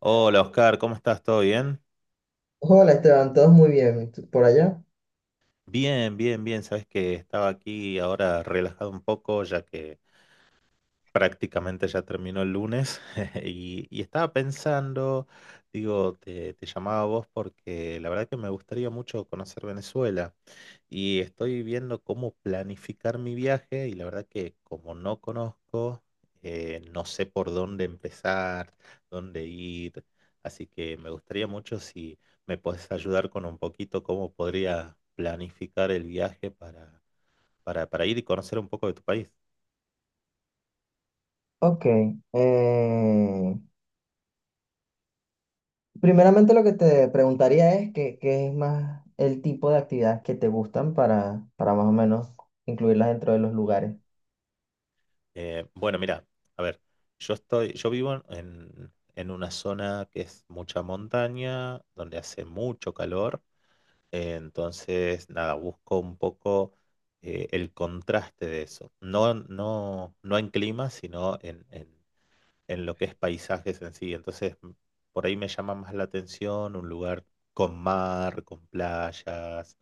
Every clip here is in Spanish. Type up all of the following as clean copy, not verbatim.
Hola Oscar, ¿cómo estás? ¿Todo bien? Hola Esteban, todos muy bien. ¿Por allá? Bien, bien, bien. Sabes que estaba aquí ahora relajado un poco ya que prácticamente ya terminó el lunes y estaba pensando, digo, te llamaba a vos porque la verdad que me gustaría mucho conocer Venezuela. Y estoy viendo cómo planificar mi viaje y la verdad que como no conozco, no sé por dónde empezar, dónde ir. Así que me gustaría mucho si me puedes ayudar con un poquito cómo podría planificar el viaje para ir y conocer un poco de tu país. Ok. eh, Primeramente lo que te preguntaría es qué es más el tipo de actividades que te gustan para más o menos incluirlas dentro de los lugares. Bueno, mira, a ver, yo vivo en una zona que es mucha montaña, donde hace mucho calor. Entonces, nada, busco un poco el contraste de eso. No en clima, sino en lo que es paisajes en sí. Entonces, por ahí me llama más la atención un lugar con mar, con playas,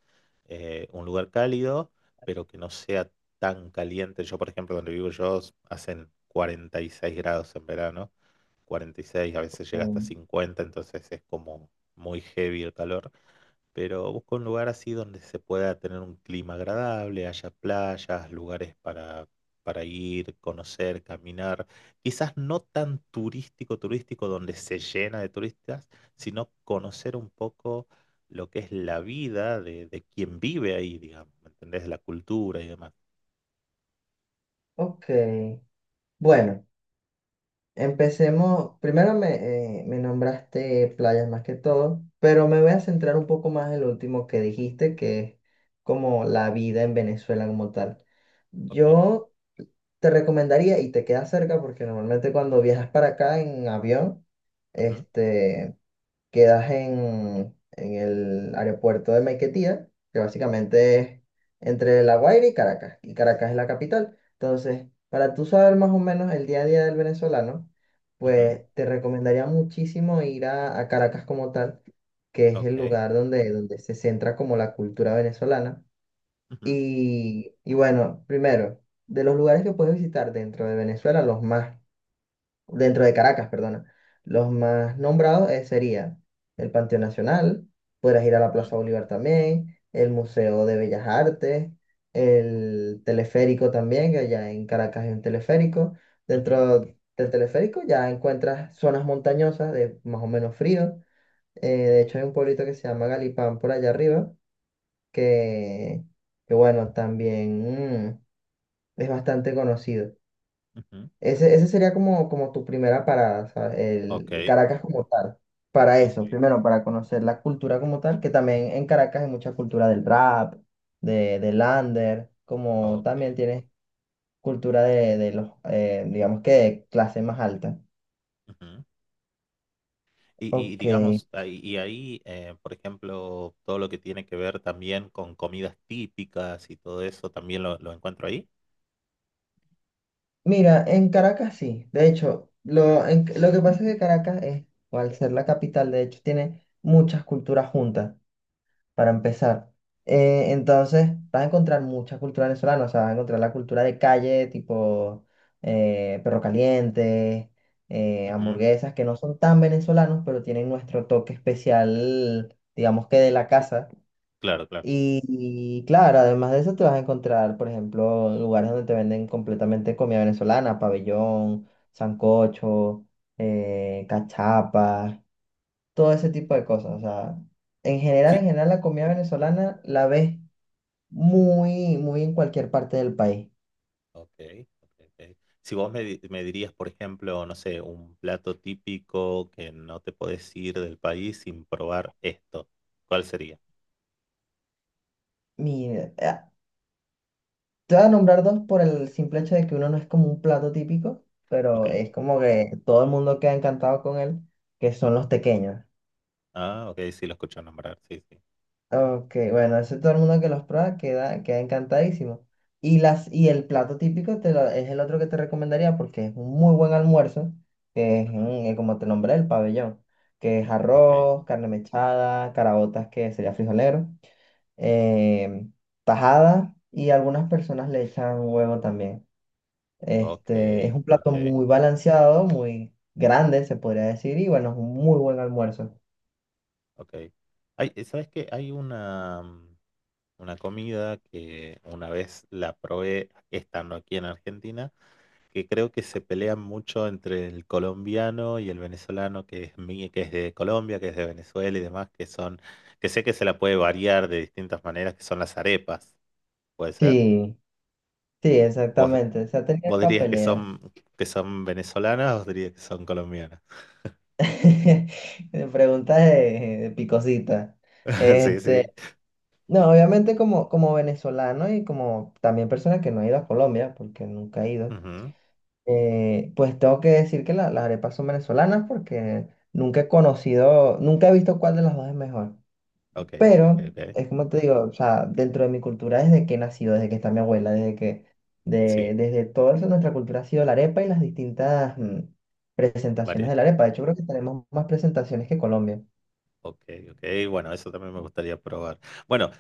un lugar cálido, pero que no sea tan caliente. Yo, por ejemplo, donde vivo yo, hacen 46 grados en verano, 46, a veces llega hasta Mm. 50, entonces es como muy heavy el calor. Pero busco un lugar así donde se pueda tener un clima agradable, haya playas, lugares para ir, conocer, caminar. Quizás no tan turístico, donde se llena de turistas, sino conocer un poco lo que es la vida de quien vive ahí, digamos, ¿me entendés? La cultura y demás. Ok, bueno, empecemos. Primero me nombraste playas más que todo, pero me voy a centrar un poco más en lo último que dijiste, que es como la vida en Venezuela como tal. Ok, Yo... te recomendaría, y te queda cerca porque normalmente cuando viajas para acá en avión, ujú, este, quedas en el aeropuerto de Maiquetía, que básicamente es entre La Guaira y Caracas es la capital. Entonces, para tú saber más o menos el día a día del venezolano, ujú. pues te recomendaría muchísimo ir a Caracas como tal, que es el Ok, lugar donde se centra como la cultura venezolana. ujú, Y bueno, primero, de los lugares que puedes visitar dentro de Venezuela, dentro de Caracas, perdona, los más nombrados serían el Panteón Nacional, podrás ir a la Plaza Bolívar también, el Museo de Bellas Artes, el teleférico también, que allá en Caracas hay un teleférico. ujú, ujú, Dentro del teleférico ya encuentras zonas montañosas de más o menos frío. De hecho, hay un pueblito que se llama Galipán por allá arriba que, que bueno, también es bastante conocido. ujú. Ese sería como, como tu primera parada, ¿sabes? El Ok. Caracas como tal. Para Ok. eso, primero para conocer la cultura como tal, que también en Caracas hay mucha cultura del rap, del under, como Ok, también tienes cultura de los, digamos que de clase más alta. ujú. Y Ok, digamos, por ejemplo, todo lo que tiene que ver también con comidas típicas y todo eso, también lo encuentro ahí. mira, en Caracas sí. De hecho, lo que pasa es que Caracas es, o al ser la capital, de hecho, tiene muchas culturas juntas, para empezar. Entonces, vas a encontrar mucha cultura venezolana, o sea, vas a encontrar la cultura de calle, tipo perro caliente, Ujú, hamburguesas, que no son tan venezolanos, pero tienen nuestro toque especial, digamos que de la casa. claro, claro. Y claro, además de eso te vas a encontrar, por ejemplo, lugares donde te venden completamente comida venezolana: pabellón, sancocho, cachapas, todo ese tipo Ah, de cosas. O sea, sí. en general, la comida venezolana la ves muy, muy en cualquier parte del país. Ok, ok, ok. Si vos me dirías, por ejemplo, no sé, un plato típico que no te podés ir del país sin probar esto, ¿cuál sería? Mira, te voy a nombrar dos por el simple hecho de que uno no es como un plato típico, Ok, pero es como que todo el mundo queda encantado con él, que son los ajá. tequeños. Ah, ok, sí, lo escucho nombrar, sí, sí. Ok, bueno, eso todo el mundo que los prueba queda, queda encantadísimo. Y el plato típico te es el otro que te recomendaría porque es un muy buen almuerzo, que es, Ujú, como te nombré, el pabellón, que es ok, arroz, carne mechada, caraotas, que sería frijolero, eh, tajada, y algunas personas le echan huevo también. ok, Este, es un plato ok, muy balanceado, muy grande, se podría decir, y bueno, es un muy buen almuerzo. ok. Hay, ¿sabes qué? Hay una. Una comida que una vez la probé estando aquí en Argentina, que creo que se pelean mucho entre el colombiano y el venezolano, que es que es de Colombia, que es de Venezuela y demás, que son, que sé que se la puede variar de distintas maneras, que son las arepas, ¿puede ser? Sí, sí, ¿Vos, exactamente. Se ha tenido ¿vos esta dirías pelea. Que son venezolanas o dirías que son colombianas? Preguntas de picosita. Sí, Este, sí. no, obviamente como, como venezolano y como también persona que no ha ido a Colombia, porque nunca he ido, Ujú. Pues tengo que decir que las arepas son venezolanas porque nunca he conocido, nunca he visto cuál de las dos es mejor. Ok, ok, Pero ok. es como te digo, o sea, dentro de mi cultura desde que he nacido, desde que está mi abuela, Sí, desde todo eso, nuestra cultura ha sido la arepa y las distintas presentaciones varias. de la arepa. De hecho, creo que tenemos más presentaciones que Colombia. Ok, ok, bueno, eso también me gustaría probar. Bueno,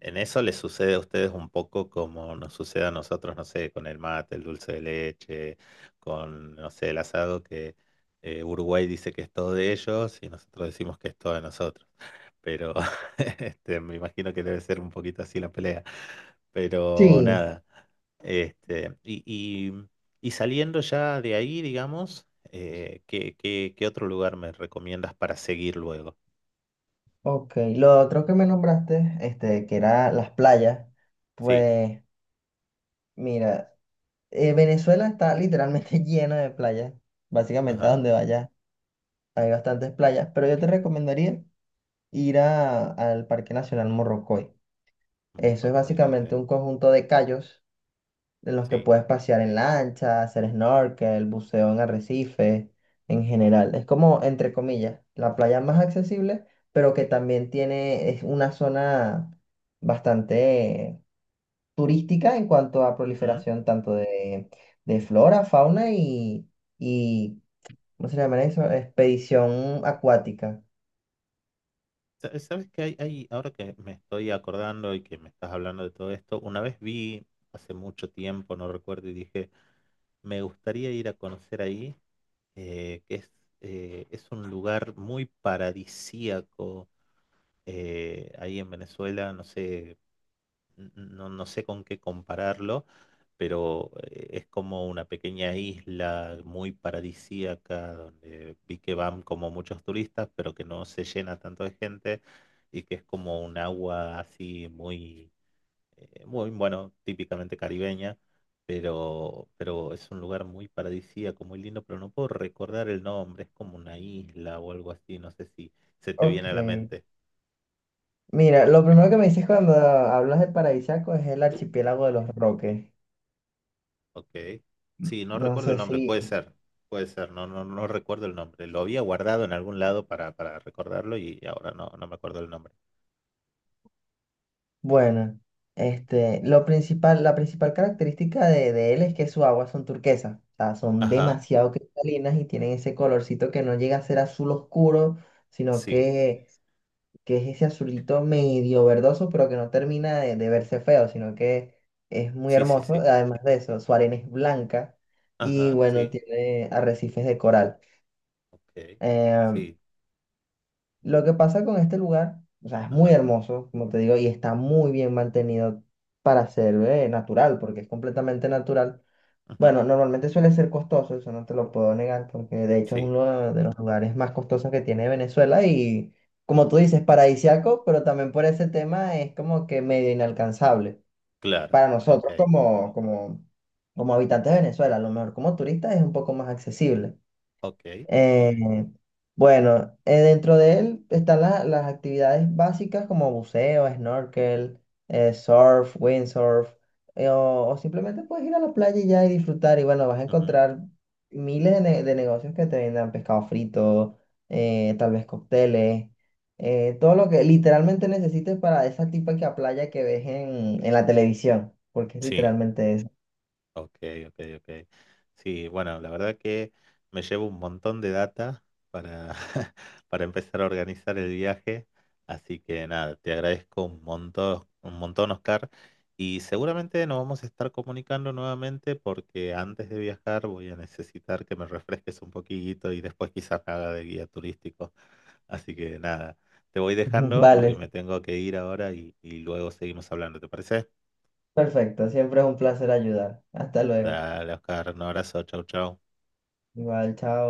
en eso les sucede a ustedes un poco como nos sucede a nosotros, no sé, con el mate, el dulce de leche, con, no sé, el asado, que Uruguay dice que es todo de ellos y nosotros decimos que es todo de nosotros. Pero este, me imagino que debe ser un poquito así la pelea. Pero Sí, nada, este, y saliendo ya de ahí, digamos, qué otro lugar me recomiendas para seguir luego? ok. Lo otro que me nombraste, este, que era las playas, Sí. pues mira, Venezuela está literalmente lleno de playas, básicamente a Ajá, donde vayas hay bastantes playas, pero yo te recomendaría ir al Parque Nacional Morrocoy. Eso es Morrocoy, ok, básicamente un conjunto de cayos de los que sí, puedes pasear en lancha, hacer snorkel, buceo en arrecife, en general. Es como, entre comillas, la playa más accesible, pero que sí. también tiene, es una zona bastante turística en cuanto a Ujú. proliferación tanto de flora, fauna y, ¿cómo se llama eso? Expedición acuática. ¿Sabes que hay, ahora que me estoy acordando y que me estás hablando de todo esto, una vez vi hace mucho tiempo, no recuerdo, y dije, me gustaría ir a conocer ahí, eh, que es, es un lugar muy paradisíaco ahí en Venezuela, no sé, no sé con qué compararlo, pero es como una pequeña isla muy paradisíaca donde vi que van como muchos turistas, pero que no se llena tanto de gente y que es como un agua así muy, muy bueno, típicamente caribeña. Pero es un lugar muy paradisíaco, muy lindo, pero no puedo recordar el nombre, es como una isla o algo así, no sé si se te viene Ok, a la mente. mira, lo primero que me dices cuando hablas de paradisíaco es el archipiélago de los Roques. Ok. Sí, no No recuerdo el sé nombre, si... puede ser, no recuerdo el nombre. Lo había guardado en algún lado para recordarlo y ahora no me acuerdo el nombre. Bueno, este, lo principal, la principal característica de él es que sus aguas son turquesas, o sea, son Ajá, demasiado cristalinas y tienen ese colorcito que no llega a ser azul oscuro, sino sí, que es ese azulito medio verdoso, pero que no termina de verse feo, sino que es muy sí, sí, hermoso. sí. Además de eso, su arena es blanca y Ajá, bueno, sí, tiene arrecifes de coral. ok, Em, sí, lo que pasa con este lugar, o sea, es muy ajá, hermoso, como te digo, y está muy bien mantenido para ser natural, porque es completamente natural. ujú, Bueno, normalmente suele ser costoso, eso no te lo puedo negar, porque de hecho es sí, uno de los lugares más costosos que tiene Venezuela y, como tú dices, paradisiaco, pero también por ese tema es como que medio inalcanzable claro, para ok, nosotros como, como, como habitantes de Venezuela. A lo mejor como turistas es un poco más accesible. ok, ok, Eh, bueno, Dentro de él están las actividades básicas como buceo, snorkel, surf, windsurf, o simplemente puedes ir a la playa y ya y disfrutar. Y bueno, vas a ujú, encontrar miles de negocios que te vendan pescado frito, tal vez cócteles, todo lo que literalmente necesites para esa típica playa que ves en la televisión, porque es sí. literalmente eso. Ok, ok, ok. Sí, bueno, la verdad que me llevo un montón de data para, para empezar a organizar el viaje. Así que nada, te agradezco un montón, Oscar. Y seguramente nos vamos a estar comunicando nuevamente porque antes de viajar voy a necesitar que me refresques un poquito y después quizás me haga de guía turístico. Así que nada, te voy dejando porque Vale, me tengo que ir ahora y luego seguimos hablando, ¿te parece? perfecto, siempre es un placer ayudar. Hasta luego. Dale, Oscar, un abrazo, chau, chau. Igual, chao.